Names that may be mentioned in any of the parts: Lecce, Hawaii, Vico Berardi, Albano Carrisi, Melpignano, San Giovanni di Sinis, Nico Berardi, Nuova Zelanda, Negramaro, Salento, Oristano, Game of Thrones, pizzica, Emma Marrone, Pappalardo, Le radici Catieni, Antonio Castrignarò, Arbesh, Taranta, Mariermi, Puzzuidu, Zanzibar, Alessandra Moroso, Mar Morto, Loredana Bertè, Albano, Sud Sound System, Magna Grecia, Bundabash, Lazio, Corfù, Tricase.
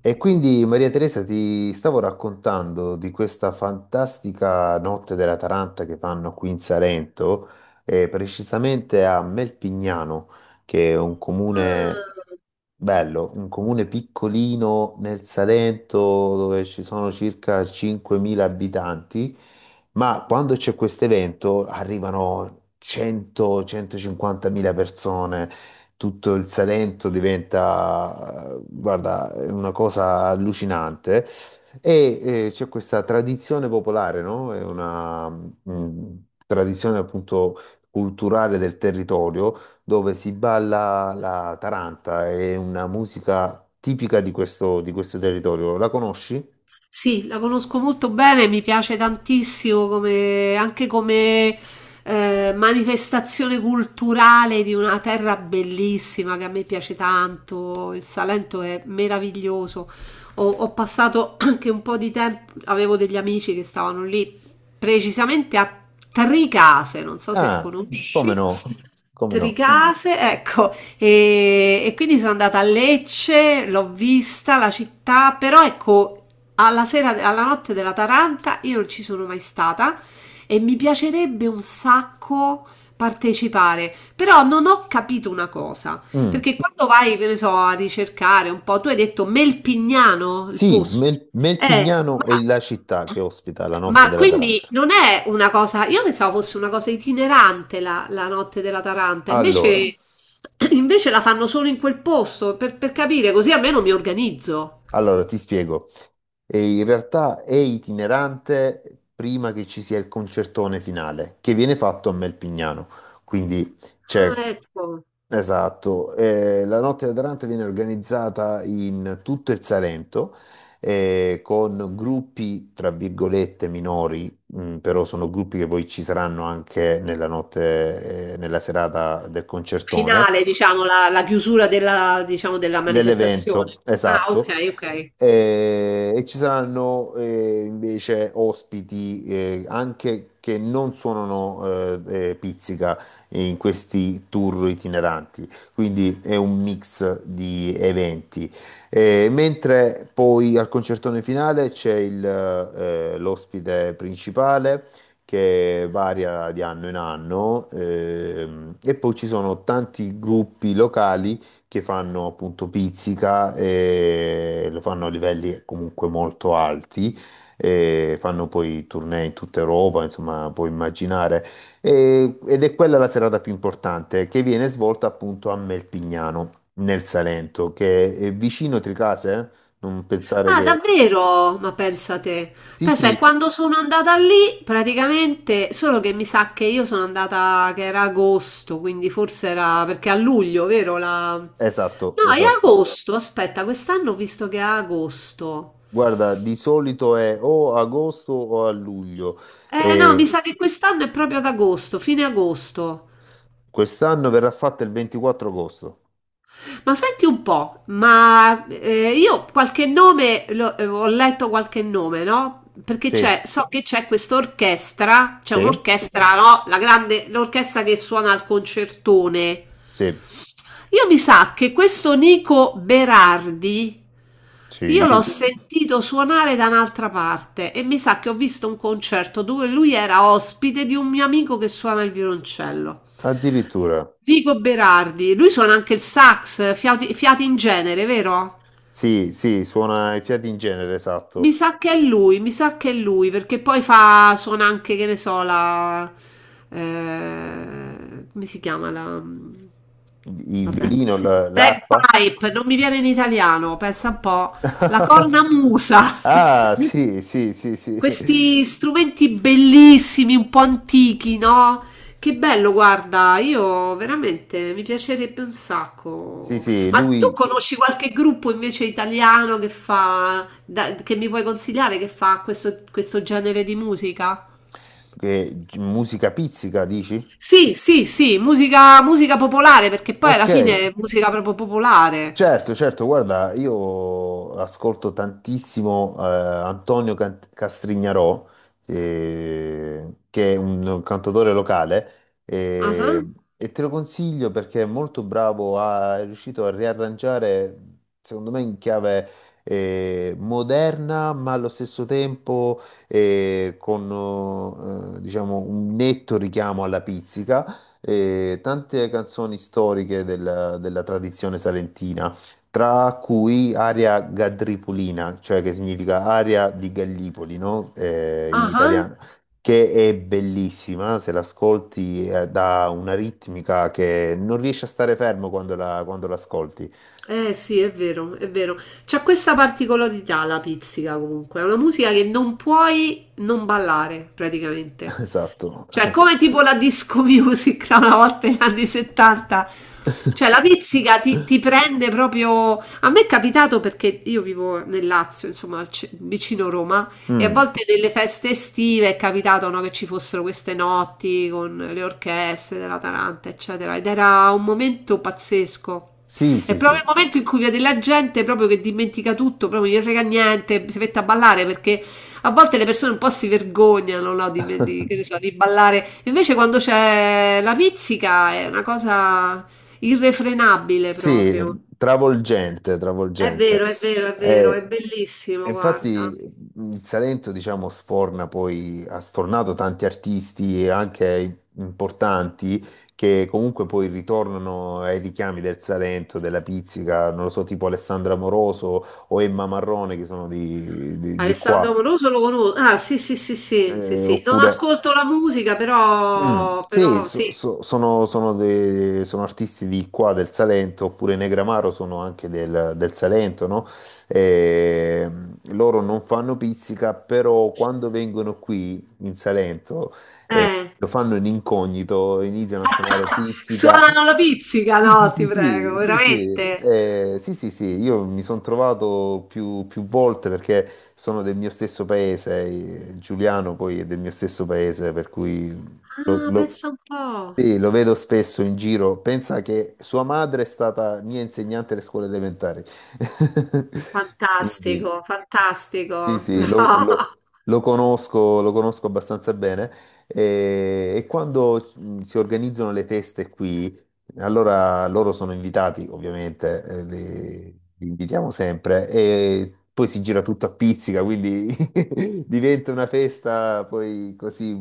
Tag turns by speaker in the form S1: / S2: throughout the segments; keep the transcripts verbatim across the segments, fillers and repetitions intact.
S1: E quindi Maria Teresa ti stavo raccontando di questa fantastica notte della Taranta che fanno qui in Salento, eh, precisamente a Melpignano, che è un comune
S2: Ah,
S1: bello, un comune piccolino nel Salento dove ci sono circa cinquemila abitanti, ma quando c'è questo evento arrivano cento centocinquantamila persone. Tutto il Salento diventa, eh, guarda, è una cosa allucinante. E eh, c'è questa tradizione popolare, no? È una mm, tradizione appunto culturale del territorio dove si balla la taranta, è una musica tipica di questo, di questo territorio. La conosci?
S2: sì, la conosco molto bene, mi piace tantissimo come, anche come eh, manifestazione culturale di una terra bellissima che a me piace tanto. Il Salento è meraviglioso. Ho, ho passato anche un po' di tempo, avevo degli amici che stavano lì, precisamente a Tricase, non so se
S1: Ah, come
S2: conosci.
S1: no? Come no?
S2: Tricase, ecco, e, e quindi sono andata a Lecce, l'ho vista la città, però ecco, alla sera, alla notte della Taranta io non ci sono mai stata e mi piacerebbe un sacco partecipare, però non ho capito una cosa,
S1: Mm.
S2: perché quando vai, che ne so, a ricercare un po', tu hai detto Melpignano, il
S1: Sì,
S2: posto,
S1: Mel-
S2: eh,
S1: Melpignano è
S2: ma
S1: la città che ospita la notte
S2: ma
S1: della
S2: quindi
S1: Taranta.
S2: non è una cosa, io pensavo fosse una cosa itinerante la la notte della Taranta,
S1: Allora,
S2: invece invece la fanno solo in quel posto, per per capire, così almeno mi organizzo.
S1: Allora, ti spiego. E in realtà è itinerante prima che ci sia il concertone finale, che viene fatto a Melpignano. Quindi
S2: Ah,
S1: c'è,
S2: ecco.
S1: esatto, eh, la notte da Taranta viene organizzata in tutto il Salento, eh, con gruppi, tra virgolette, minori, mh, però sono gruppi che poi ci saranno anche nella notte, eh, nella serata del concertone.
S2: Finale, diciamo, la la chiusura della, diciamo, della
S1: Dell'evento,
S2: manifestazione. Ah,
S1: esatto.
S2: okay, okay.
S1: Eh, E, ci saranno eh, invece ospiti eh, anche che non suonano eh, eh, pizzica in questi tour itineranti, quindi è un mix di eventi. Eh, mentre poi al concertone finale c'è il, eh, l'ospite principale che varia di anno in anno ehm, e poi ci sono tanti gruppi locali che fanno appunto pizzica e lo fanno a livelli comunque molto alti e fanno poi tournée in tutta Europa, insomma, puoi immaginare. E- ed è quella la serata più importante che viene svolta appunto a Melpignano, nel Salento, che è vicino Tricase, eh? Non pensare
S2: Ah,
S1: che.
S2: davvero? Ma pensa te.
S1: Sì,
S2: Pensa, che
S1: sì,
S2: quando sono andata lì, praticamente, solo che mi sa che io sono andata che era agosto, quindi forse era perché a luglio, vero? La...
S1: esatto,
S2: No, è
S1: esatto.
S2: agosto, aspetta, quest'anno ho visto che è agosto.
S1: Guarda, di solito è o a agosto o a luglio
S2: Eh no, mi
S1: e
S2: sa che quest'anno è proprio ad agosto, fine agosto.
S1: quest'anno verrà fatta il ventiquattro agosto.
S2: Ma senti un po', ma eh, io qualche nome, lo- eh, ho letto qualche nome, no? Perché c'è,
S1: Sì,
S2: so che c'è questa orchestra, c'è
S1: sì,
S2: un'orchestra, no? La grande, l'orchestra che suona al concertone.
S1: sì,
S2: Io mi sa che questo Nico Berardi, io l'ho
S1: sì,
S2: sentito suonare da un'altra parte e mi sa che ho visto un concerto dove lui era ospite di un mio amico che suona il violoncello.
S1: addirittura.
S2: Vico Berardi, lui suona anche il sax, fiati, fiati in genere, vero?
S1: Sì, sì, suona i fiati in genere, esatto.
S2: Mi sa che è lui, mi sa che è lui, perché poi fa, suona anche, che ne so, la... eh, come si chiama la...
S1: Il
S2: Vabbè.
S1: violino, la- l'arpa.
S2: Bagpipe, non mi viene in italiano, pensa un po'. La cornamusa.
S1: Ah, sì, sì, sì, sì.
S2: Questi strumenti bellissimi, un po' antichi, no? Che bello, guarda, io veramente mi piacerebbe un
S1: Sì,
S2: sacco.
S1: sì,
S2: Ma tu
S1: lui
S2: conosci qualche gruppo invece italiano che fa, da- che mi puoi consigliare che fa questo, questo genere di musica?
S1: che musica pizzica, dici?
S2: Sì, sì, sì, musica, musica popolare, perché poi alla
S1: Ok.
S2: fine è musica proprio popolare.
S1: Certo, certo, guarda, io ascolto tantissimo eh, Antonio Cant- Castrignarò, eh, che è un cantautore locale, eh,
S2: Ah,
S1: e te lo consiglio perché è molto bravo, ha- è riuscito a riarrangiare, secondo me, in chiave eh, moderna, ma allo stesso tempo eh, con eh, diciamo, un netto richiamo alla pizzica eh, tante canzoni storiche del- della tradizione salentina, tra cui Aria Gadripulina, cioè che significa aria di Gallipoli, no? Eh, in
S2: ah.
S1: italiano, che è bellissima, se l'ascolti eh, dà una ritmica che non riesci a stare fermo quando la, quando l'ascolti.
S2: Eh sì, è vero, è vero. C'ha questa particolarità la pizzica comunque, è una musica che non puoi non ballare praticamente.
S1: Esatto.
S2: Cioè,
S1: es-
S2: come tipo la disco music da una volta negli anni settanta. Cioè, la pizzica ti, ti prende proprio. A me è capitato perché io vivo nel Lazio, insomma, al ce- vicino Roma, e a
S1: Mm,
S2: volte nelle feste estive è capitato, no, che ci fossero queste notti con le orchestre della Taranta, eccetera. Ed era un momento pazzesco.
S1: sì,
S2: È
S1: sì,
S2: proprio
S1: sì.
S2: il momento in cui vede la gente proprio che dimentica tutto, proprio non gli frega niente, si mette a ballare perché a volte le persone un po' si vergognano, no, di, me- di- che ne so, di ballare. Invece quando c'è la pizzica è una cosa irrefrenabile proprio.
S1: Sì, travolgente,
S2: È
S1: travolgente.
S2: vero, è vero, è vero,
S1: Eh,
S2: è
S1: E
S2: bellissimo, guarda.
S1: infatti mhmm, il Salento, diciamo, sforna poi, ha sfornato tanti artisti anche importanti che comunque poi ritornano ai richiami del Salento, della pizzica, non lo so, tipo Alessandra Moroso o Emma Marrone che sono di, di- di
S2: Alessandro
S1: qua.
S2: Amoroso lo conosco. Ah, sì, sì, sì, sì, sì,
S1: Eh,
S2: sì. Non
S1: oppure
S2: ascolto la musica,
S1: mm,
S2: però,
S1: sì,
S2: però
S1: so-
S2: sì.
S1: so- sono, sono de- sono artisti di qua del Salento, oppure Negramaro sono anche del, del Salento, no? E, loro non fanno pizzica, però quando vengono qui in Salento eh,
S2: Eh.
S1: lo fanno in incognito, iniziano a suonare pizzica.
S2: Suonano la pizzica,
S1: Sì, sì,
S2: no,
S1: sì,
S2: ti prego,
S1: sì, sì, sì,
S2: veramente.
S1: eh, sì, sì, sì, io mi sono trovato più, più volte perché sono del mio stesso paese, eh, Giuliano poi è del mio stesso paese, per cui lo,
S2: Ah,
S1: lo,
S2: pensa un po'.
S1: sì, lo vedo spesso in giro. Pensa che sua madre è stata mia insegnante alle scuole elementari. Quindi,
S2: Fantastico, fantastico.
S1: sì, sì, lo,
S2: No.
S1: lo- lo conosco, lo conosco abbastanza bene. E, e quando mh, si organizzano le feste qui, allora loro sono invitati, ovviamente, eh, li, li invitiamo sempre. E poi si gira tutto a pizzica, quindi diventa una festa poi così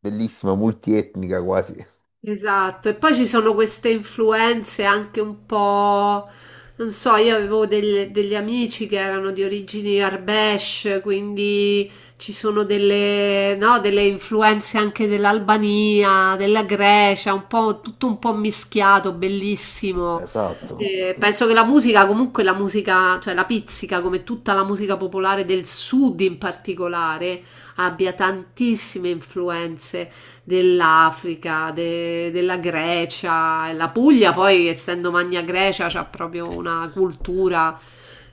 S1: bellissima, multietnica quasi.
S2: Esatto, e poi ci sono queste influenze anche un po', non so, io avevo del- degli amici che erano di origini Arbesh, quindi ci sono delle, no, delle influenze anche dell'Albania, della Grecia, un po', tutto un po' mischiato, bellissimo.
S1: Esatto.
S2: Eh, penso che la musica, comunque la musica, cioè la pizzica, come tutta la musica popolare del sud in particolare, abbia tantissime influenze dell'Africa, de- della Grecia, la Puglia poi essendo Magna Grecia c'ha proprio una cultura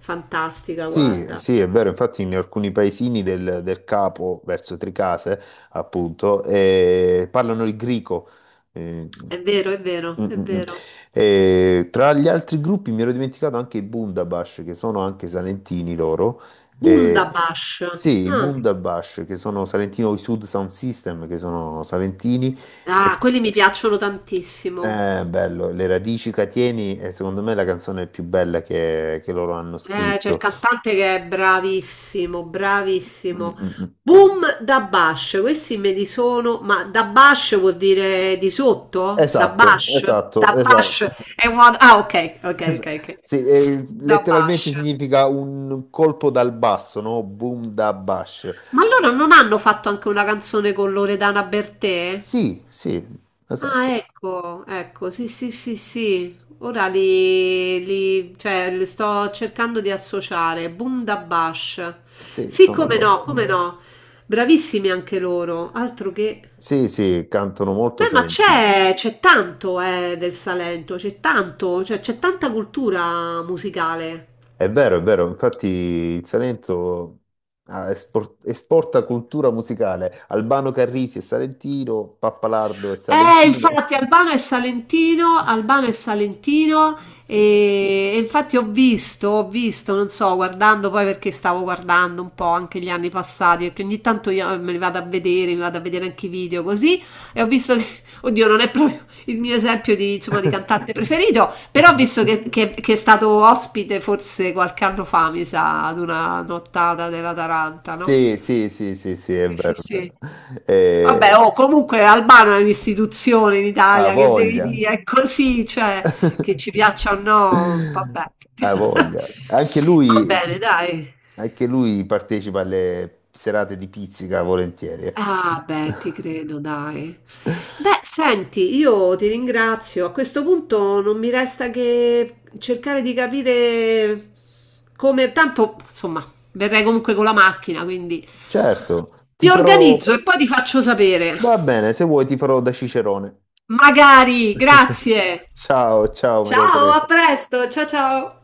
S2: fantastica,
S1: Sì,
S2: guarda.
S1: sì, è vero, infatti in alcuni paesini del, del capo, verso Tricase, appunto, eh, parlano il greco. Eh,
S2: È vero, è vero,
S1: mm,
S2: è
S1: mm, mm.
S2: vero.
S1: Eh, tra gli altri gruppi mi ero dimenticato anche i Bundabash, che sono anche salentini loro. Eh,
S2: Bundabash.
S1: sì, i
S2: Ah,
S1: Bundabash, che sono salentino, i Sud Sound System, che sono salentini. E,
S2: ah, quelli mi piacciono tantissimo.
S1: eh, bello, Le radici Catieni è secondo me la canzone più bella che che loro hanno
S2: Eh, c'è il
S1: scritto.
S2: cantante che è bravissimo,
S1: Mm,
S2: bravissimo.
S1: mm, mm.
S2: Boom da Bash, questi me li sono, ma da Bash vuol dire di sotto? Da
S1: Esatto,
S2: Bash?
S1: esatto,
S2: Da
S1: esatto.
S2: Bash è una... Ah, ok, ok,
S1: Es-
S2: ok, ok.
S1: sì, eh,
S2: Da
S1: letteralmente
S2: Bash.
S1: significa un colpo dal basso, no? Boom da bash.
S2: Ma allora non hanno fatto anche una canzone con Loredana Bertè?
S1: Sì, sì,
S2: Ah,
S1: esatto.
S2: ecco, ecco, sì, sì, sì, sì. Ora li, li- cioè, li sto cercando di associare. Boom da Bash.
S1: Sì,
S2: Sì,
S1: sono
S2: come no,
S1: loro.
S2: come no. Bravissimi anche loro. Altro che...
S1: Sì, sì, cantano molto
S2: Beh, ma
S1: salentino.
S2: c'è c'è tanto, eh, del Salento, c'è tanto, cioè, c'è tanta cultura musicale.
S1: È vero, è vero. Infatti il Salento ah, espor- esporta cultura musicale. Albano Carrisi è salentino, Pappalardo è
S2: Eh,
S1: salentino.
S2: infatti Albano è salentino, Albano è salentino
S1: Sì.
S2: e, e infatti ho visto, ho visto, non so, guardando poi perché stavo guardando un po' anche gli anni passati, perché ogni tanto io eh, me li vado a vedere, mi vado a vedere anche i video così e ho visto che, oddio, non è proprio il mio esempio di, insomma, di cantante preferito, però ho visto che, che- che è stato ospite forse qualche anno fa, mi sa, ad una nottata della Taranta, no?
S1: Sì, sì, sì, sì, sì, è
S2: Sì, sì,
S1: vero, è
S2: sì.
S1: vero.
S2: Vabbè,
S1: Eh,
S2: oh, comunque Albano è un'istituzione in
S1: Ha
S2: Italia, che devi
S1: voglia,
S2: dire, è così, cioè, che ci piaccia o no, vabbè.
S1: ha voglia. Anche
S2: Va bene,
S1: lui,
S2: dai.
S1: anche lui partecipa alle serate di pizzica volentieri. eh.
S2: Ah, beh, ti credo, dai. Beh, senti, io ti ringrazio. A questo punto non mi resta che cercare di capire come... Tanto, insomma, verrei comunque con la macchina, quindi
S1: Certo,
S2: mi
S1: ti farò,
S2: organizzo e poi ti faccio sapere.
S1: va bene, se vuoi ti farò da cicerone.
S2: Magari, grazie.
S1: Ciao, ciao Maria
S2: Ciao, a
S1: Teresa.
S2: presto. Ciao ciao.